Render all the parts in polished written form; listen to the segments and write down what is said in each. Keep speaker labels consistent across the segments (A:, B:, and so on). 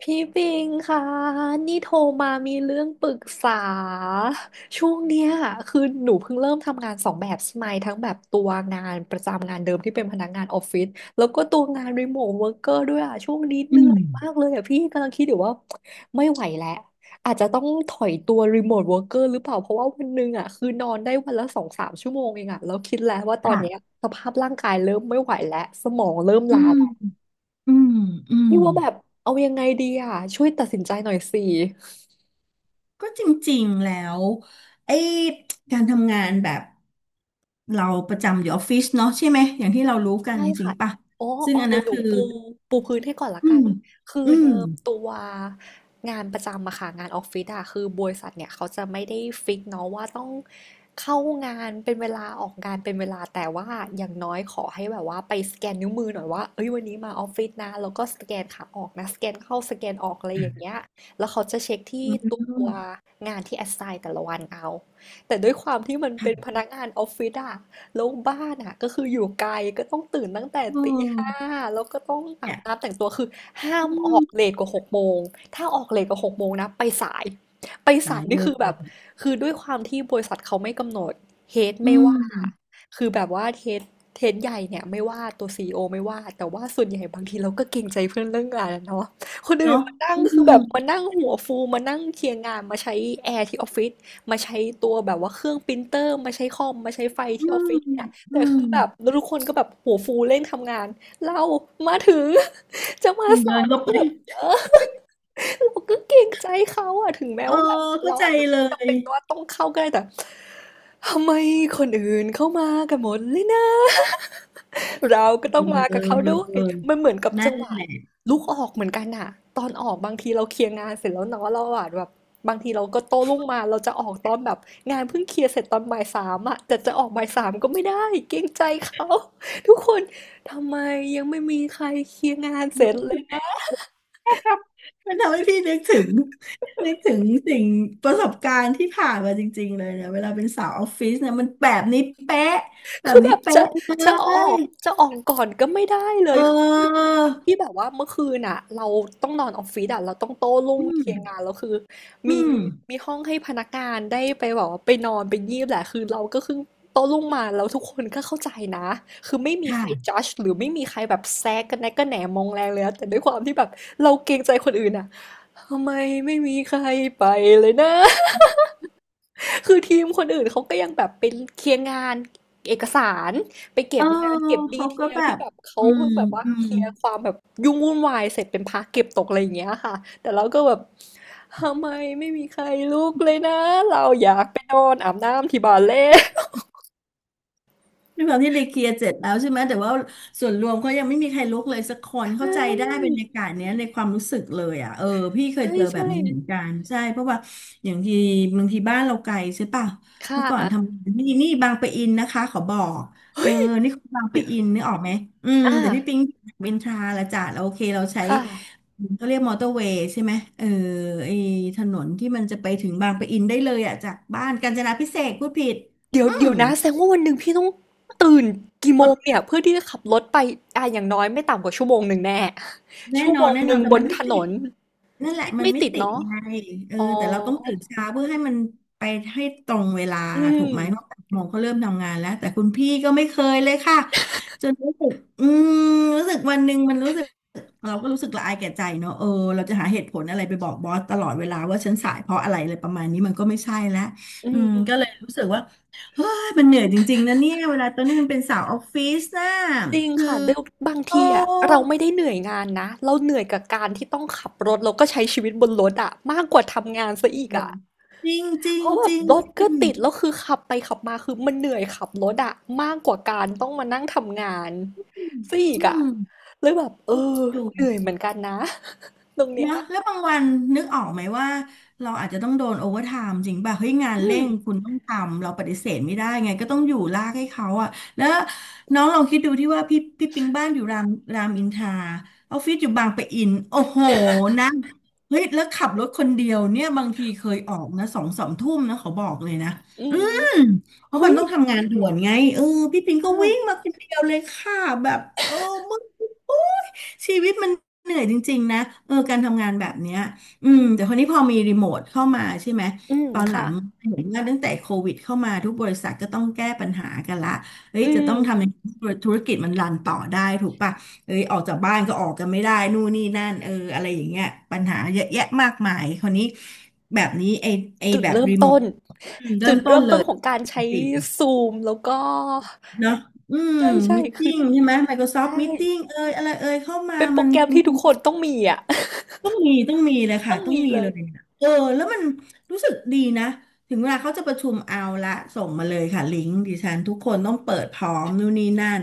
A: พี่ปิงค่ะนี่โทรมามีเรื่องปรึกษาช่วงเนี้ยคือหนูเพิ่งเริ่มทำงานสองแบบใช่ไหมทั้งแบบตัวงานประจำงานเดิมที่เป็นพนักงานออฟฟิศแล้วก็ตัวงานรีโมทเวิร์กเกอร์ด้วยอ่ะช่วงนี้เห
B: อื
A: นื่อ
B: ม
A: ยมากเลยอ่ะพี่กำลังคิดอยู่ว่าไม่ไหวแล้วอาจจะต้องถอยตัวรีโมทเวิร์กเกอร์หรือเปล่าเพราะว่าวันหนึงอ่ะคือนอนได้วันละ2-3 ชั่วโมงเองอ่ะแล้วคิดแล้วว่าตอนเนี้ย
B: ค่ะ
A: สภาพร่างกายเริ่มไม่ไหวแล้วสมองเริ่ม
B: อื
A: ล้า
B: มอืมอืม
A: พี่ว่าแบบเอายังไงดีอ่ะช่วยตัดสินใจหน่อยสิ
B: ก็จริงๆแล้วไอ้การทำงานแบบเราประจำอยู่ออฟฟิศเนาะใช่ไหมอย่างที่เรารู้กัน
A: ใช่
B: จริง
A: ค่ะ
B: ป่ะ
A: อ๋อ
B: ซึ่
A: อ๋
B: ง
A: อ
B: อัน
A: เดี๋
B: นั้
A: ยว
B: น
A: หนู
B: คือ
A: ปูพื้นให้ก่อนละ
B: อื
A: กัน
B: ม
A: คือ
B: อื
A: เดิ
B: ม
A: มตัวงานประจำอะค่ะงานออฟฟิศอะคือบริษัทเนี่ยเขาจะไม่ได้ฟิกเนาะว่าต้องเข้างานเป็นเวลาออกงานเป็นเวลาแต่ว่าอย่างน้อยขอให้แบบว่าไปสแกนนิ้วมือหน่อยว่าเอ้ยวันนี้มาออฟฟิศนะแล้วก็สแกนขาออกนะสแกนเข้าสแกนออกอะไรอย่างเงี้ยแล้วเขาจะเช็คที่
B: อื
A: ตัว
B: ม
A: งานที่ assign แต่ละวันเอาแต่ด้วยความที่มันเป็น
B: ค่ะ
A: พนักงานออฟฟิศอะ แล้วบ้านอะก็คืออยู่ไกลก็ต้องตื่นตั้งแต่
B: โอ้
A: ตีห้าแล้วก็ต้องอา
B: เนี่
A: บ
B: ย
A: น้ำแต่งตัวคือห้าม
B: อื
A: ออ
B: ม
A: กเลทกว่าหกโมงถ้าออกเลทกว่าหกโมงนะไปสายไป
B: สา
A: สาย
B: ยเล
A: นี่คื
B: ย
A: อแบบคือด้วยความที่บริษัทเขาไม่กำหนดเฮด
B: อื
A: ไม่ว่า
B: ม
A: คือแบบว่าเฮดใหญ่เนี่ยไม่ว่าตัวซีอีโอไม่ว่าแต่ว่าส่วนใหญ่บางทีเราก็เกรงใจเพื่อนเรื่องงานอะเนาะคนอื่น
B: เนาะ
A: มานั่ง
B: อื
A: คือ
B: ม
A: แบบมานั่งหัวฟูมานั่งเคลียร์งานมาใช้แอร์ที่ออฟฟิศ มาใช้ตัวแบบว่าเครื่องปรินเตอร์มาใช้คอมมาใช้ไฟ
B: อื
A: ที่ออฟ
B: ม
A: ฟิศเนี่ย
B: อื
A: แต่
B: ม
A: คือแบบทุกคนก็แบบหัวฟูเร่งทำงานเรามาถึง จะมา
B: มึง
A: สา
B: เดิ
A: ย
B: น
A: เรา
B: เข้าไป
A: ก็แบบเออเราก็เกรงใจเขาอะถึงแม้
B: เออ
A: ว่าแบบ
B: เข้า
A: เรา
B: ใจ
A: อาจจะ
B: เล
A: ไม่จำ
B: ย
A: เป็นว่าต้องเข้าก็ได้แต่ทำไมคนอื่นเข้ามากันหมดเลยนะ เราก็ต้องมากับเขาด้วย
B: เออ
A: มันเหมือนกับ
B: นั่
A: จัง
B: น
A: หวะ
B: แหละ
A: ลุกออกเหมือนกันอะตอนออกบางทีเราเคลียร์งานเสร็จแล้วเนาะเราอะแบบบางทีเราก็โต้รุ่งมาเราจะออกตอนแบบงานเพิ่งเคลียร์เสร็จตอนบ่ายสามอะแต่จะออกบ่ายสามก็ไม่ได้เกรงใจเขาทุกคนทำไมยังไม่มีใครเคลียร์งานเสร็จ
B: รู้
A: เล
B: สึก
A: ย
B: มันทำให้พี่นึกถึงสิ่งประสบการณ์ที่ผ่านมาจริงๆเลยเนี่ยเวลาเป็นสาวออฟฟิศเนี่ยมันแบบนี้เป๊ะแบ
A: คื
B: บ
A: อแบ
B: นี้
A: บจะ
B: เป๊ะเล
A: จะออ
B: ย
A: กจะออกก่อนก็ไม่ได้เล
B: เ
A: ยคือ
B: ออ
A: ทั้งที่แบบว่าเมื่อคืนอ่ะเราต้องนอนออฟฟิศอ่ะเราต้องโต้รุ่ง
B: อื
A: เคลียร์
B: ม
A: งานแล้วคือ
B: อื
A: มี
B: ม
A: มีห้องให้พนักงานได้ไปแบอกว่าไปนอนไปงีบแหละคือเราก็คือโต้รุ่งมาแล้วทุกคนก็เข้าใจนะคือไม่มีใคร
B: ค่ะ
A: จัดหรือไม่มีใครแบบแซกกันแนะกันแหนมองแรงเลยนะแต่ด้วยความที่แบบเราเกรงใจคนอื่นอ่ะทำไมไม่มีใครไปเลยนะ คือทีมคนอื่นเขาก็ยังแบบเป็นเคลียร์งานเอกสารไปเก็
B: เอ
A: บ
B: อ
A: งานเก็บดี
B: เขา
A: เท
B: ก็
A: ล
B: แบ
A: ที่
B: บ
A: แบบเขา
B: อืม
A: เพิ่งแบบว่า
B: อื
A: เค
B: ม
A: ลียร์ความแบบยุ่งวุ่นวายเสร็จเป็นพาร์ทเก็บตกอะไรอย่างเงี้ยค่ะแต่เราก็แบบทำไมไม่มีใครลุกเลยนะเราอยากไปนอนอาบน้ำที่บาา์เล่
B: ด้วยความที่รีเคลียร์เสร็จแล้วใช่ไหมแต่ว่าส่วนรวมเขายังไม่มีใครลุกเลยสักคนเข้าใจได้บรร ยากาศเนี้ยในความรู้สึกเลยอ่ะเออพี่เค
A: ใช่
B: ยเจอแบ
A: ใช่
B: บนี้เหมือน
A: ใช่
B: กันใช่เพราะว่าอย่างทีบางทีบ้านเราไกลใช่ป่ะ
A: ค่ะ
B: เมื่อก่อนทำงานนี่บางปะอินนะคะขอบอกเออนี่คือบางปะอิน นึกออกไหมอืม
A: อ่า
B: แต่พี่ปิ๊งเวนทราละจ้ะเราโอเคเราใช้
A: ค่ะ
B: เขาเรียกมอเตอร์เวย์ใช่ไหมเออไอถนนที่มันจะไปถึงบางปะอินได้เลยอ่ะจากบ้านกาญจนาภิเษกพูดผิด
A: เดี๋ยว
B: อื
A: เดี๋
B: ม
A: ยวนะแสดงว่าวันหนึ่งพี่ต้องตื่นกี่โมงเนี่ยเพื่อที่จะขับรถไปอ่ะอย่างน้อยไม่ต่ำกว่าชั่วโมงหนึ่งแน่
B: แน่
A: ชั่ว
B: นอ
A: โม
B: น
A: ง
B: แน่
A: ห
B: นอ
A: นึ่
B: น
A: ง
B: แต่
A: บ
B: มั
A: น
B: น
A: ถ
B: ไม่
A: น
B: ติด
A: น
B: นั่นแหละ
A: ไม่
B: มัน
A: ไม่
B: ไม่
A: ติด
B: ติด
A: เนาะ
B: ไงเออ
A: อ๋อ
B: แต่เราต้องตื่นเช้าเพื่อให้มันไปให้ตรงเวลา
A: อื
B: ถูกไหมเพราะ
A: ม
B: แปดโมงก็เริ่มทำงานแล้วแต่คุณพี่ก็ไม่เคยเลยค่ะจนรู้สึกอืมรู้สึกวันหนึ่งมันรู้สึกเราก็รู้สึกละอายแก่ใจเนอะเออเราจะหาเหตุผลอะไรไปบอกบอสตลอดเวลาว่าฉันสายเพราะอะไรอะไรประมาณนี้มันก็ไม่ใช่แล้ว
A: อื
B: อืม
A: ม
B: ก็เลยรู้สึกว่าเฮ้ยมันเหนื่อยจริงๆนะเนี่ยเวลาตอนนี้มันเป็นสาวออฟฟิศนะ
A: จริง
B: คือ
A: ค่ะเดี๋ยวบาง
B: โอ้
A: ทีอ่ะเราไม่ได้เหนื่อยงานนะเราเหนื่อยกับการที่ต้องขับรถแล้วก็ใช้ชีวิตบนรถอ่ะมากกว่าทำงานซะอีก
B: เล
A: อ่ะ
B: ยจริงจริ
A: เพ
B: ง
A: ราะแบ
B: จ
A: บ
B: ริง
A: รถ
B: จ
A: ก็
B: ริง
A: ติดแล้วคือขับไปขับมาคือมันเหนื่อยขับรถอะมากกว่าการต้องมานั่งทำงานซะอี
B: อื
A: กอะ
B: ม
A: เลยแบบเออ
B: อยู่
A: เหนื่อยเหมือนกันนะ ตรงเนี้ย
B: นะแล้วบางวันนึกออกไหมว่าเราอาจจะต้องโดนโอเวอร์ไทม์จริงป่ะเฮ้ยงาน
A: อื
B: เร่
A: ม
B: งคุณต้องทำเราปฏิเสธไม่ได้ไงก็ต้องอยู่ลากให้เขาอะแล้วน้องลองคิดดูที่ว่าพี่ปิงบ้านอยู่รามรามอินทราออฟฟิศอยู่บางปะอินโอ้โหนะเฮ้ยแล้วขับรถคนเดียวเนี่ยบางทีเคยออกนะสองสามทุ่มนะเขาบอกเลยนะ
A: อื
B: อื
A: ม
B: มเพราะ
A: เฮ้
B: มัน
A: ย
B: ต้องทำงานด่วนไงเออพี่ปิง
A: อ่
B: ก็วิ่ง
A: า
B: มาคนเดียวเลยค่ะแบบเออมึงโอ๊ยชีวิตมัน เหนื่อยจริงๆนะเออการทำงานแบบเนี้ยอืมแต่คนนี้พอมีรีโมทเข้ามาใช่ไหม
A: อืม
B: ตอนหลั
A: ค่ะ
B: งเห็นว่าตั้งแต่โควิดเข้ามาทุกบริษัทก็ต้องแก้ปัญหากันละเฮ้ย
A: อื
B: จะต้องทำ
A: ม
B: ยังไงให้ธุรกิจมันรันต่อได้ถูกป่ะเอ้ยออกจากบ้านก็ออกกันไม่ได้นู่นนี่นั่นเอออะไรอย่างเงี้ยปัญหาเยอะแยะมากมายคนนี้แบบนี้ไอ
A: จุด
B: แบบ
A: เริ่ม
B: รีโมท
A: ต้น
B: อืมเริ่
A: จุ
B: ม
A: ด
B: ต้น
A: เริ่ม
B: เล
A: ต้น
B: ย
A: ของการใช้
B: จริง
A: ซูมแล้วก็
B: ๆเนาะอืม
A: ใช่ใช่
B: มิ e
A: คื
B: ติ้
A: อ
B: งใช่ไหม Microsoft
A: ใช่
B: Meeting เอยอะไรเอยเข้ามา
A: เป็นโปร
B: มัน
A: แกรมที่ทุกคนต้องมีอะ
B: ต้องมีเลย ค่ะ
A: ต้อง
B: ต้อง
A: มี
B: มี
A: เล
B: เล
A: ย
B: ยเออแล้วมันรู้สึกดีนะถึงเวลาเขาจะประชุมเอาละส่งมาเลยค่ะลิงก์ดิฉันทุกคนต้องเปิดพร้อมนู่นนี่นั่น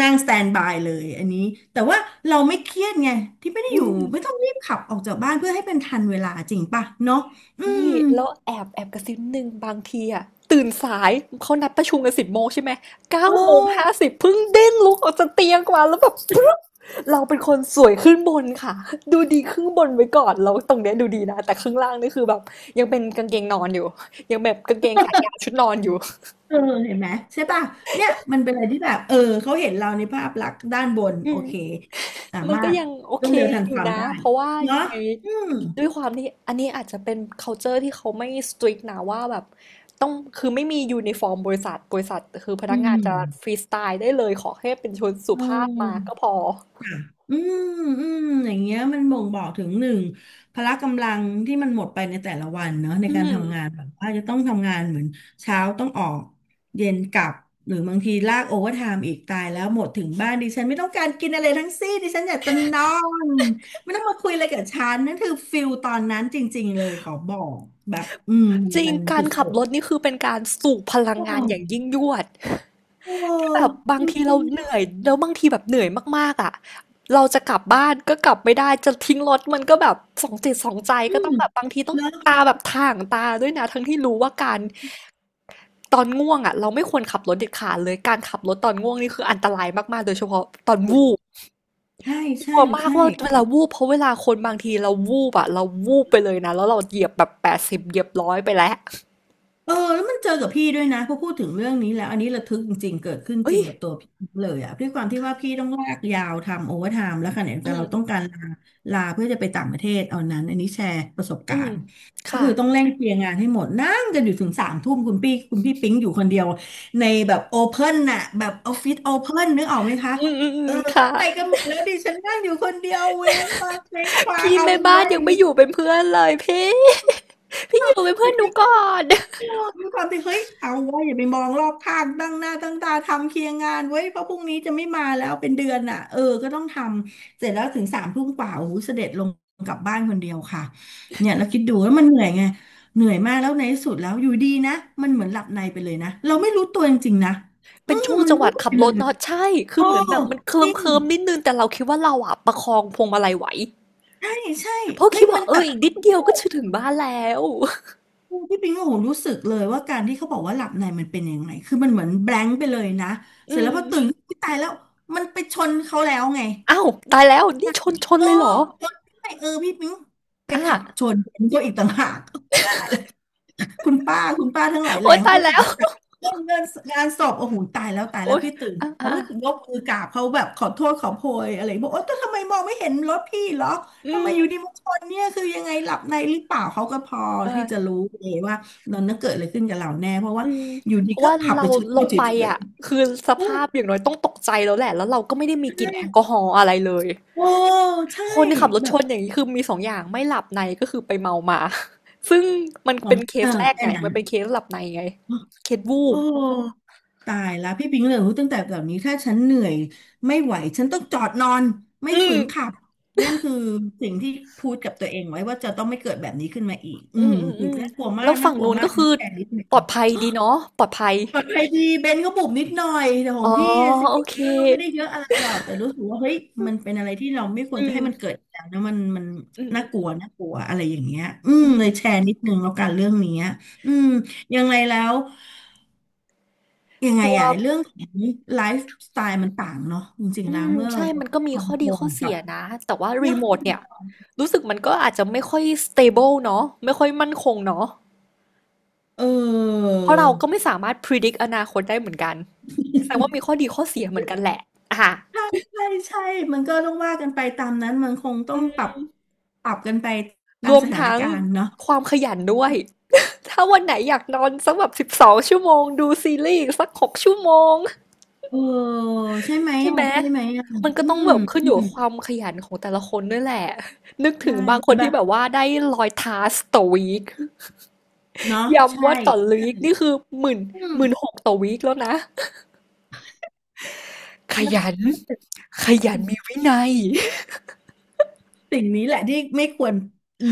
B: นั่งสแตนบายเลยอันนี้แต่ว่าเราไม่เครียดไงที่ไม่ได้
A: อื
B: อยู่
A: ม
B: ไม่ต้องรีบขับออกจากบ้านเพื่อให้เป็นทันเวลาจริงป่ะเนาะอืม
A: นี่แล้วแอบแอบกระซิบนิดนึงบางทีอะตื่นสายเขานัดประชุมกัน10 โมงใช่ไหมเก้า
B: เอ
A: โมง
B: อ
A: ห้าสิบเพิ่งเด้งลุกออกจากเตียงมาแล้วแบบปึ๊บเราเป็นคนสวยขึ้นบนค่ะดูดีครึ่งบนไว้ก่อนแล้วตรงเนี้ยดูดีนะแต่ข้างล่างนี่คือแบบยังเป็นกางเกงนอนอยู่ยังแบบกางเกงขายาวชุดนอนอยู่
B: เออเห็นไหมใช่ป่ะเนี่ยมันเป็นอะไรที่แบบเออเขาเห็นเราในภาพลักษณ์ด้านบน
A: อื
B: โอ
A: ม
B: เคสา
A: มัน
B: มา
A: ก็
B: รถ
A: ยังโอ
B: ร
A: เค
B: วดเร็วทัน
A: อ
B: ค
A: ยู่
B: วาม
A: นะ
B: ได้
A: เพราะว่ายั
B: เนาะ
A: งไง
B: อืม
A: ด้วยความที่อันนี้อาจจะเป็น culture ที่เขาไม่ strict นะว่าแบบต้องคือไม่มียูนิฟอร์มบริษัทคือพ
B: อื
A: นักงานจะฟ
B: ม
A: รีสไตล์ได้เลยขอแค่เป็นชนสุ
B: เ
A: ภาพมา
B: ออ
A: ก็พอ
B: ค่ะอืมอืมอย่างเงี้ยมันบ่งบอกถึงหนึ่งพละกำลังที่มันหมดไปในแต่ละวันเนอะใน
A: อื
B: การ
A: ม
B: ทำงานแบบว่าจะต้องทำงานเหมือนเช้าต้องออกเย็นกลับหรือบางทีลากโอเวอร์ไทม์อีกตายแล้วหมดถึงบ้านดิฉันไม่ต้องการกินอะไรทั้งสิ้นดิฉันอยากจะนอนไม่ต้องมาคุยอะไรกับฉันนั่นคือฟิลตอนนั้นจริงๆเลยขอบอกแบบอืม
A: จริง
B: มัน
A: กา
B: สุ
A: รขับ
B: ด
A: รถนี่คือเป็นการสูบพลั
B: ๆ
A: ง
B: โอ้
A: งานอย่างยิ่งยวด
B: โห
A: แบบบา
B: จ
A: งทีเรา
B: ริง
A: เห
B: ๆ
A: นื่
B: นะ
A: อยแล้วบางทีแบบเหนื่อยมากๆอ่ะเราจะกลับบ้านก็กลับไม่ได้จะทิ้งรถมันก็แบบสองจิตสองใจ
B: อื
A: ก็ต้อ
B: ม
A: งแบบบางทีต้อง
B: แล้ว
A: ตาแบบถ่างตาด้วยนะทั้งที่รู้ว่าการตอนง่วงอ่ะเราไม่ควรขับรถเด็ดขาดเลยการขับรถตอนง่วงนี่คืออันตรายมากๆโดยเฉพาะตอนวูบ
B: ใช่
A: ก
B: ใช่
A: ลัวมาก
B: ใช่
A: ว่าเวลาวูบเพราะเวลาคนบางทีเราวูบอะเราวูบไปเลยนะแล้วเราเหยียบแบบ80เหยียบร้อยไปแล้ว
B: เออแล้วมันเจอกับพี่ด้วยนะพอพูดถึงเรื่องนี้แล้วอันนี้ระทึกจริงๆเกิดขึ้นจ
A: เอ้
B: ริ
A: ย
B: งกับตัวพี่เลยอะด้วยความที่ว่าพี่ต้องลากยาวทำโอเวอร์ไทม์แล้วขณะเดียว
A: อื
B: กันเราต้อง
A: ม
B: การลาเพื่อจะไปต่างประเทศเอานั้นอันนี้แชร์ประสบ
A: อื
B: กา
A: ม
B: รณ์ก็คือต้อง
A: ค่ะ
B: เร่งเคลียร์งานให้หมดนั่งกันอยู่ถึงสามทุ่มคุณพี่ปิ๊งอยู่คนเดียวในแบบโอเพ่นน่ะแบบออฟฟิศโอเพ่นนึกออกไหมคะ
A: อืมอืมอื
B: เอ
A: ม
B: อ
A: ค่ะ
B: เขาไปกันหมดแล้วดิฉันนั่งอยู่คนเดียวเว้งว้าง
A: พี่
B: เอา
A: แม่
B: เป็น
A: บ้าน
B: ว่าอ
A: ยั
B: ย่า
A: ง
B: ง
A: ไม่
B: นี้
A: อยู่เป็นเพื่อนเลยพี่ พี่อยู่เป็นเพื่อน
B: ด้
A: หนูก่อน
B: วยความที่เฮ้ยเอาไว้ยอย่าไปมองรอบข้างตั้งหน้าตั้งตาทำเคลียร์งานไว้ยเพราะพรุ่งนี้จะไม่มาแล้วเป็นเดือนอ่ะเออก็ต้องทำเสร็จแล้วถึงสามทุ่มกว่าโอ้โหเสด็จลงกลับบ้านคนเดียวค่ะเนี่ยแล้วคิดดูแล้วมันเหนื่อยไงเหนื่อยมากแล้วในที่สุดแล้วอยู่ดีนะมันเหมือนหลับในไปเลยนะเราไม่รู้ตัวจริงๆนะอื
A: เป็น
B: ม
A: ช่วง
B: มัน
A: จังห
B: วู
A: วะ
B: บ
A: ขั
B: ไป
A: บร
B: เล
A: ถ
B: ย
A: เนาะใช่คือ
B: โอ้
A: เหมือนแบบมันเคลิ้
B: จ
A: ม
B: ริง
A: เคลิมนิดนึงแต่เราคิดว่าเราอะประคองพวงมาลัยไหว
B: ใช่ใช่
A: เพราะ
B: เฮ้
A: คิ
B: ย
A: ดว่า
B: มัน
A: เอ
B: แบ
A: อ
B: บ
A: อีกนิดเดียวก็จะถึงบ้านแล้ว
B: พี่ปิงก็โหรู้สึกเลยว่าการที่เขาบอกว่าหลับในมันเป็นยังไงคือมันเหมือนแบงค์ไปเลยนะ
A: อื
B: เสร็จแล้ว
A: ม
B: พอตื่นขึ้นอุ๊ยตายแล้วมันไปชนเขาแล้วไง
A: อ้าวตายแล้วนี่ชน
B: เออ
A: เลยเหรอ
B: ชนได้เออพี่ปิงไป
A: อ่า
B: ขับชนเขอีกต่างหากตาย คุณป้าคุณป้าทั้งหลายแหล่
A: โอ๊ย
B: เขา
A: ตาย
B: ก็กลุ่
A: แล้
B: ม
A: ว
B: ใจเรื่องเงินงานศพโอ้โหตายแล้วตายแล้
A: โอ๊
B: ว
A: ย
B: พี่ตื่น
A: อ่า
B: เขา
A: อ่า
B: ก็ยกมือกราบเขาแบบขอโทษขอโพยอะไรบอกโอ๊ยแต่ทำไมมองไม่เห็นรถพี่เหรอ
A: อื
B: ทำไม
A: ม
B: อยู่ดีมาชนเนี่ยคือยังไงหลับในหรือเปล่าเขาก็พอที่จะ
A: อ่า
B: รู้เลยว่ามันน่ะเกิดอะไรขึ้นกับเราแน่เพราะว่า
A: อืม
B: อยู่ดี
A: เพราะ
B: ก็
A: ว่า
B: ขับ
A: เรา
B: ไปชน
A: ล
B: เข
A: ง
B: เฉ
A: ไป
B: ย
A: อ่ะคือส
B: ๆเออ
A: ภาพอย่างน้อยต้องตกใจแล้วแหละแล้วเราก็ไม่ได้มีกลิ่
B: ใช
A: นแอล
B: ่
A: กอฮอล์อะไรเลย
B: โอ้ใช่
A: คนขับรถ
B: แบ
A: ช
B: บ
A: นอย่างนี้คือมีสองอย่างไม่หลับในก็คือไปเมามา ซึ่งมัน
B: ขอ
A: เป็
B: ง
A: นเค
B: เอ
A: ส
B: อ
A: แรก
B: แค่
A: ไง
B: นั้น
A: มันเป็นเคสหลับในไงเคสวูบ
B: โอ้ ตายแล้วพี่ปิงเลยรู้ตั้งแต่แบบนี้ถ้าฉันเหนื่อยไม่ไหวฉันต้องจอดนอนไม่
A: อื
B: ฝื
A: ม
B: นขับนั่นคือสิ่งที่พูดกับตัวเองไว้ว่าจะต้องไม่เกิดแบบนี้ขึ้นมาอีกอื
A: อืม
B: ม
A: อืม
B: คือ
A: อืม
B: น่ากลัวมา
A: แล้
B: ก
A: วฝั่งนู้นก็
B: อัน
A: คื
B: นี้
A: อ
B: แชร์นิดหนึ่ง
A: ปลอดภัยดีเนาะปลอดภัย
B: ปลอดภัยดีเบนก็บุบนิดหน่อยแต่ขอ
A: อ๋
B: ง
A: อ
B: พี่สิ
A: โอเค
B: ก็ไม่ได้เยอะอะไรหรอกแต่รู้สึกว่าเฮ้ยมันเป็นอะไรที่เราไม่คว
A: อื
B: รจะ
A: ม
B: ให้มันเกิดอีกแล้วนะมัน
A: อืมอื
B: น่า
A: ม
B: กลัวอะไรอย่างเงี้ยอืม
A: อืม
B: เลยแชร์นิดนึงแล้วกันเรื่องเนี้ยอืมยังไงแล้ว ยังไง
A: ตัว
B: อะเรื่องของไลฟ์สไตล์มันต่างเนาะจริงๆ
A: อื
B: แล้ว
A: ม
B: เมื่อ
A: ใช่มัน
B: work
A: ก็มี
B: from
A: ข้อดีข้อ
B: home
A: เสี
B: กั
A: ย
B: บ
A: นะแต่ว่ารี
B: เนาะ
A: โมทเนี่ยรู้สึกมันก็อาจจะไม่ค่อย stable เนาะไม่ค่อยมั่นคงเนาะ
B: เออ
A: เพราะเราก็ไม่สามารถ predict อนาคตได้เหมือนกัน แสดงว่ามีข้อดีข้อเสียเหมือนกันแหละอ่ะ
B: ใช่ใช่มันก็ต้องว่ากันไปตามนั้นมันคงต้อ
A: อื
B: ง
A: ม
B: ปรับ
A: ร
B: กันไปตาม
A: วม
B: สถาน
A: ทั้ง
B: การณ์เนาะ
A: ความขยันด้วยถ้าวันไหนอยากนอนสักแบบ12 ชั่วโมงดูซีรีส์อีกสัก6 ชั่วโมง
B: เออใช่ไหม
A: ใช่ไห
B: อ่ะ
A: มมันก็
B: อื
A: ต้อง
B: ม
A: แบบขึ้น
B: อื
A: อยู่
B: ม
A: กับความขยันของแต่ละคนด้วยแหละนึกถึ
B: ใช่
A: งบางค
B: แต่
A: น
B: แบ
A: ที่
B: บ
A: แบบว่าได้100 ทาสต่อวีค
B: เนาะใช่
A: ย้ำว่าต่อ
B: ใช่
A: วีคนี่คือหมื่น
B: อื
A: ห
B: ม
A: มื่นหกต่อวีคแล้วนะข
B: แล้ว
A: ยันขยันมีวินัย
B: สิ่งนี้แหละที่ไม่ควร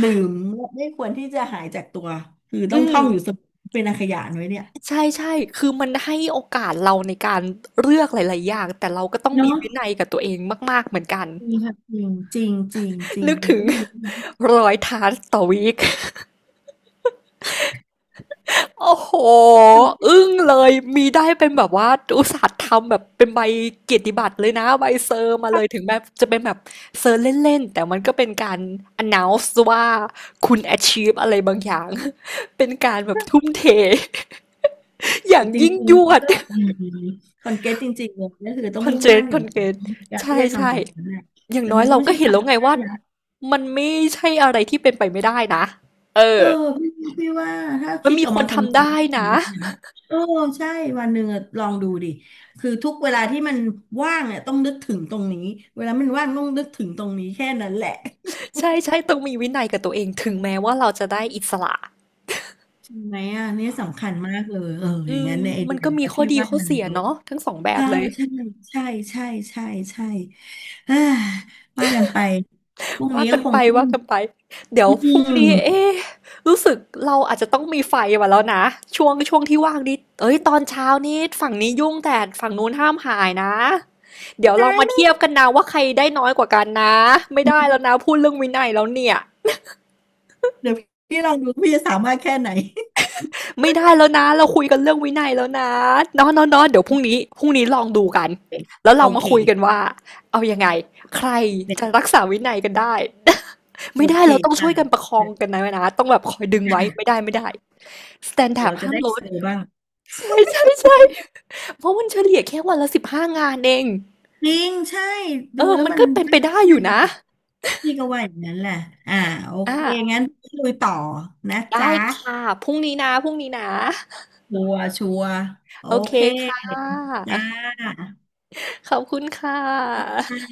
B: ลืมและไม่ควรที่จะหายจากตัวคือ
A: อื
B: ต้องท่อ
A: ม
B: งอยู่เสมอเป็นอาขยานไว้เนี่ย
A: ใช่ๆคือมันให้โอกาสเราในการเลือกหลายๆอย่างแต่เราก็ต้องมี
B: เนาะ
A: วินัยกับตัวเองมากๆเหมือนกัน
B: จริงค่ะจริงจริงจริงจริง
A: นึก
B: มัน
A: ถึง
B: ก็มีนะ
A: รอย t านต่อวีค อโอ้โห
B: ดูที่
A: อึ้งเลย มีได้เป็นแบบว่าอุตส่าห์ทำแบบเป็นใบเกียรติบัตรเลยนะใบเซอร์มาเล
B: ภาพ
A: ยถึงแม้จะเป็นแบบเซอร์เล่นๆแต่มันก็เป็นการ announce ว่าคุณ achieve อะไรบางอย่าง เป็นการแบบทุ่มเท อย่า
B: จ
A: ง
B: ริง
A: ยิ่ง
B: ๆมั
A: ย
B: นก
A: วด
B: ็อืมคอนเกตจริงๆเลยก็คือต้อ
A: ค
B: ง
A: อน
B: มุ่ง
A: เจ
B: มั่
A: น
B: น
A: ค
B: กับ
A: อนเจน
B: การ
A: ใช่
B: ที่จะทำ
A: ใช่
B: ตรงนั้นแหละ
A: อย่าง
B: แต่
A: น้อ
B: มั
A: ย
B: นก็
A: เรา
B: ไม่
A: ก็
B: ใช่
A: เห็น
B: กา
A: แล้
B: ร
A: วไง
B: ที่ได้
A: ว่า
B: นะ
A: มันไม่ใช่อะไรที่เป็นไปไม่ได้นะเอ
B: เอ
A: อ
B: อพี่พี่ว่าถ้า
A: มัน
B: คิด
A: มี
B: ออก
A: คน
B: มาคำน
A: ทำ
B: วณ
A: ได้นะ
B: ได้นะเออใช่วันหนึ่งอะลองดูดิคือทุกเวลาที่มันว่างเนี่ยต้องนึกถึงตรงนี้เวลามันว่างต้องนึกถึงตรงนี้แค่นั้นแหละ
A: ใช่ใช่ต้องมีวินัยกับตัวเองถึงแม้ว่าเราจะได้อิสระ
B: ใช่ไหมอ่ะเนี่ยสำคัญมากเลยเอออ
A: อื
B: ย่าง
A: ม
B: นั้นในไอ
A: มั
B: เดี
A: น
B: ย
A: ก็มี
B: นะ
A: ข้อ
B: พี่
A: ดี
B: ว่า
A: ข้อ
B: มัน
A: เสีย
B: เวิร์ก
A: เนาะทั้งสองแบบ
B: ใช่
A: เลย
B: ใช่ใช่ใช่ใช่ใช่เอ้อว่ากันไปพรุ่ง
A: ว่า
B: นี้ก็
A: กัน
B: คง
A: ไป
B: ต้อง
A: ว่ากันไปเดี๋ยว
B: อื
A: พรุ่งนี้
B: ม
A: เอ๊ะรู้สึกเราอาจจะต้องมีไฟมาแล้วนะช่วงที่ว่างนี้เอ้ยตอนเช้านี้ฝั่งนี้ยุ่งแต่ฝั่งนู้นห้ามหายนะเดี๋ยวลอ
B: ได้
A: งมา
B: ไห
A: เทีย
B: ม
A: บกันนะว่าใครได้น้อยกว่ากันนะไม่ได้แล้วนะพูดเรื่องวินัยแล้วเนี่ย
B: เดี๋ยวพี่ลองดูพี่จะสามารถแค่ไหน
A: ไม่ได้แล้วนะเราคุยกันเรื่องวินัยแล้วนะเนาะเนาะเนาะเดี๋ยวพรุ่งนี้พรุ่งนี้ลองดูกันแล้ว
B: โอ
A: เรามา
B: เค
A: คุยกันว่าเอายังไงใครจะ
B: เด็๋
A: รักษาวินัยกันได้
B: โอ
A: ไม่ได้
B: เค
A: เราต้องช่
B: จ้ะ
A: วยกันประคอง
B: เดี๋ยว
A: กันนะนะต้องแบบคอยดึงไว้ไม่ได้ไม่ได้สแตน
B: เย
A: ดาร์ด
B: ราจะ
A: ห้าม
B: ได้
A: ล
B: เซ
A: ด
B: อร์บ้าง
A: ใช่ใช่ใช่เพราะมันเฉลี่ยแค่วันละ15 งานเอง
B: จริงใช่
A: เอ
B: ดู
A: อ
B: แล้ว
A: มัน
B: มัน
A: ก็เป็น
B: พ
A: ไปได้อยู่นะ
B: ี่ก็ว่าอย่างนั้นแหละอ่าโอ
A: อ่า
B: เคงั้นคุยต่อนะ
A: ได้
B: จ๊ะ
A: ค่ะ พรุ่งนี้นะพรุ่งนี้นะ
B: ชัวร์โอ
A: โอเค
B: เค
A: ค่ะ
B: จ้า
A: ขอบคุณค่ะ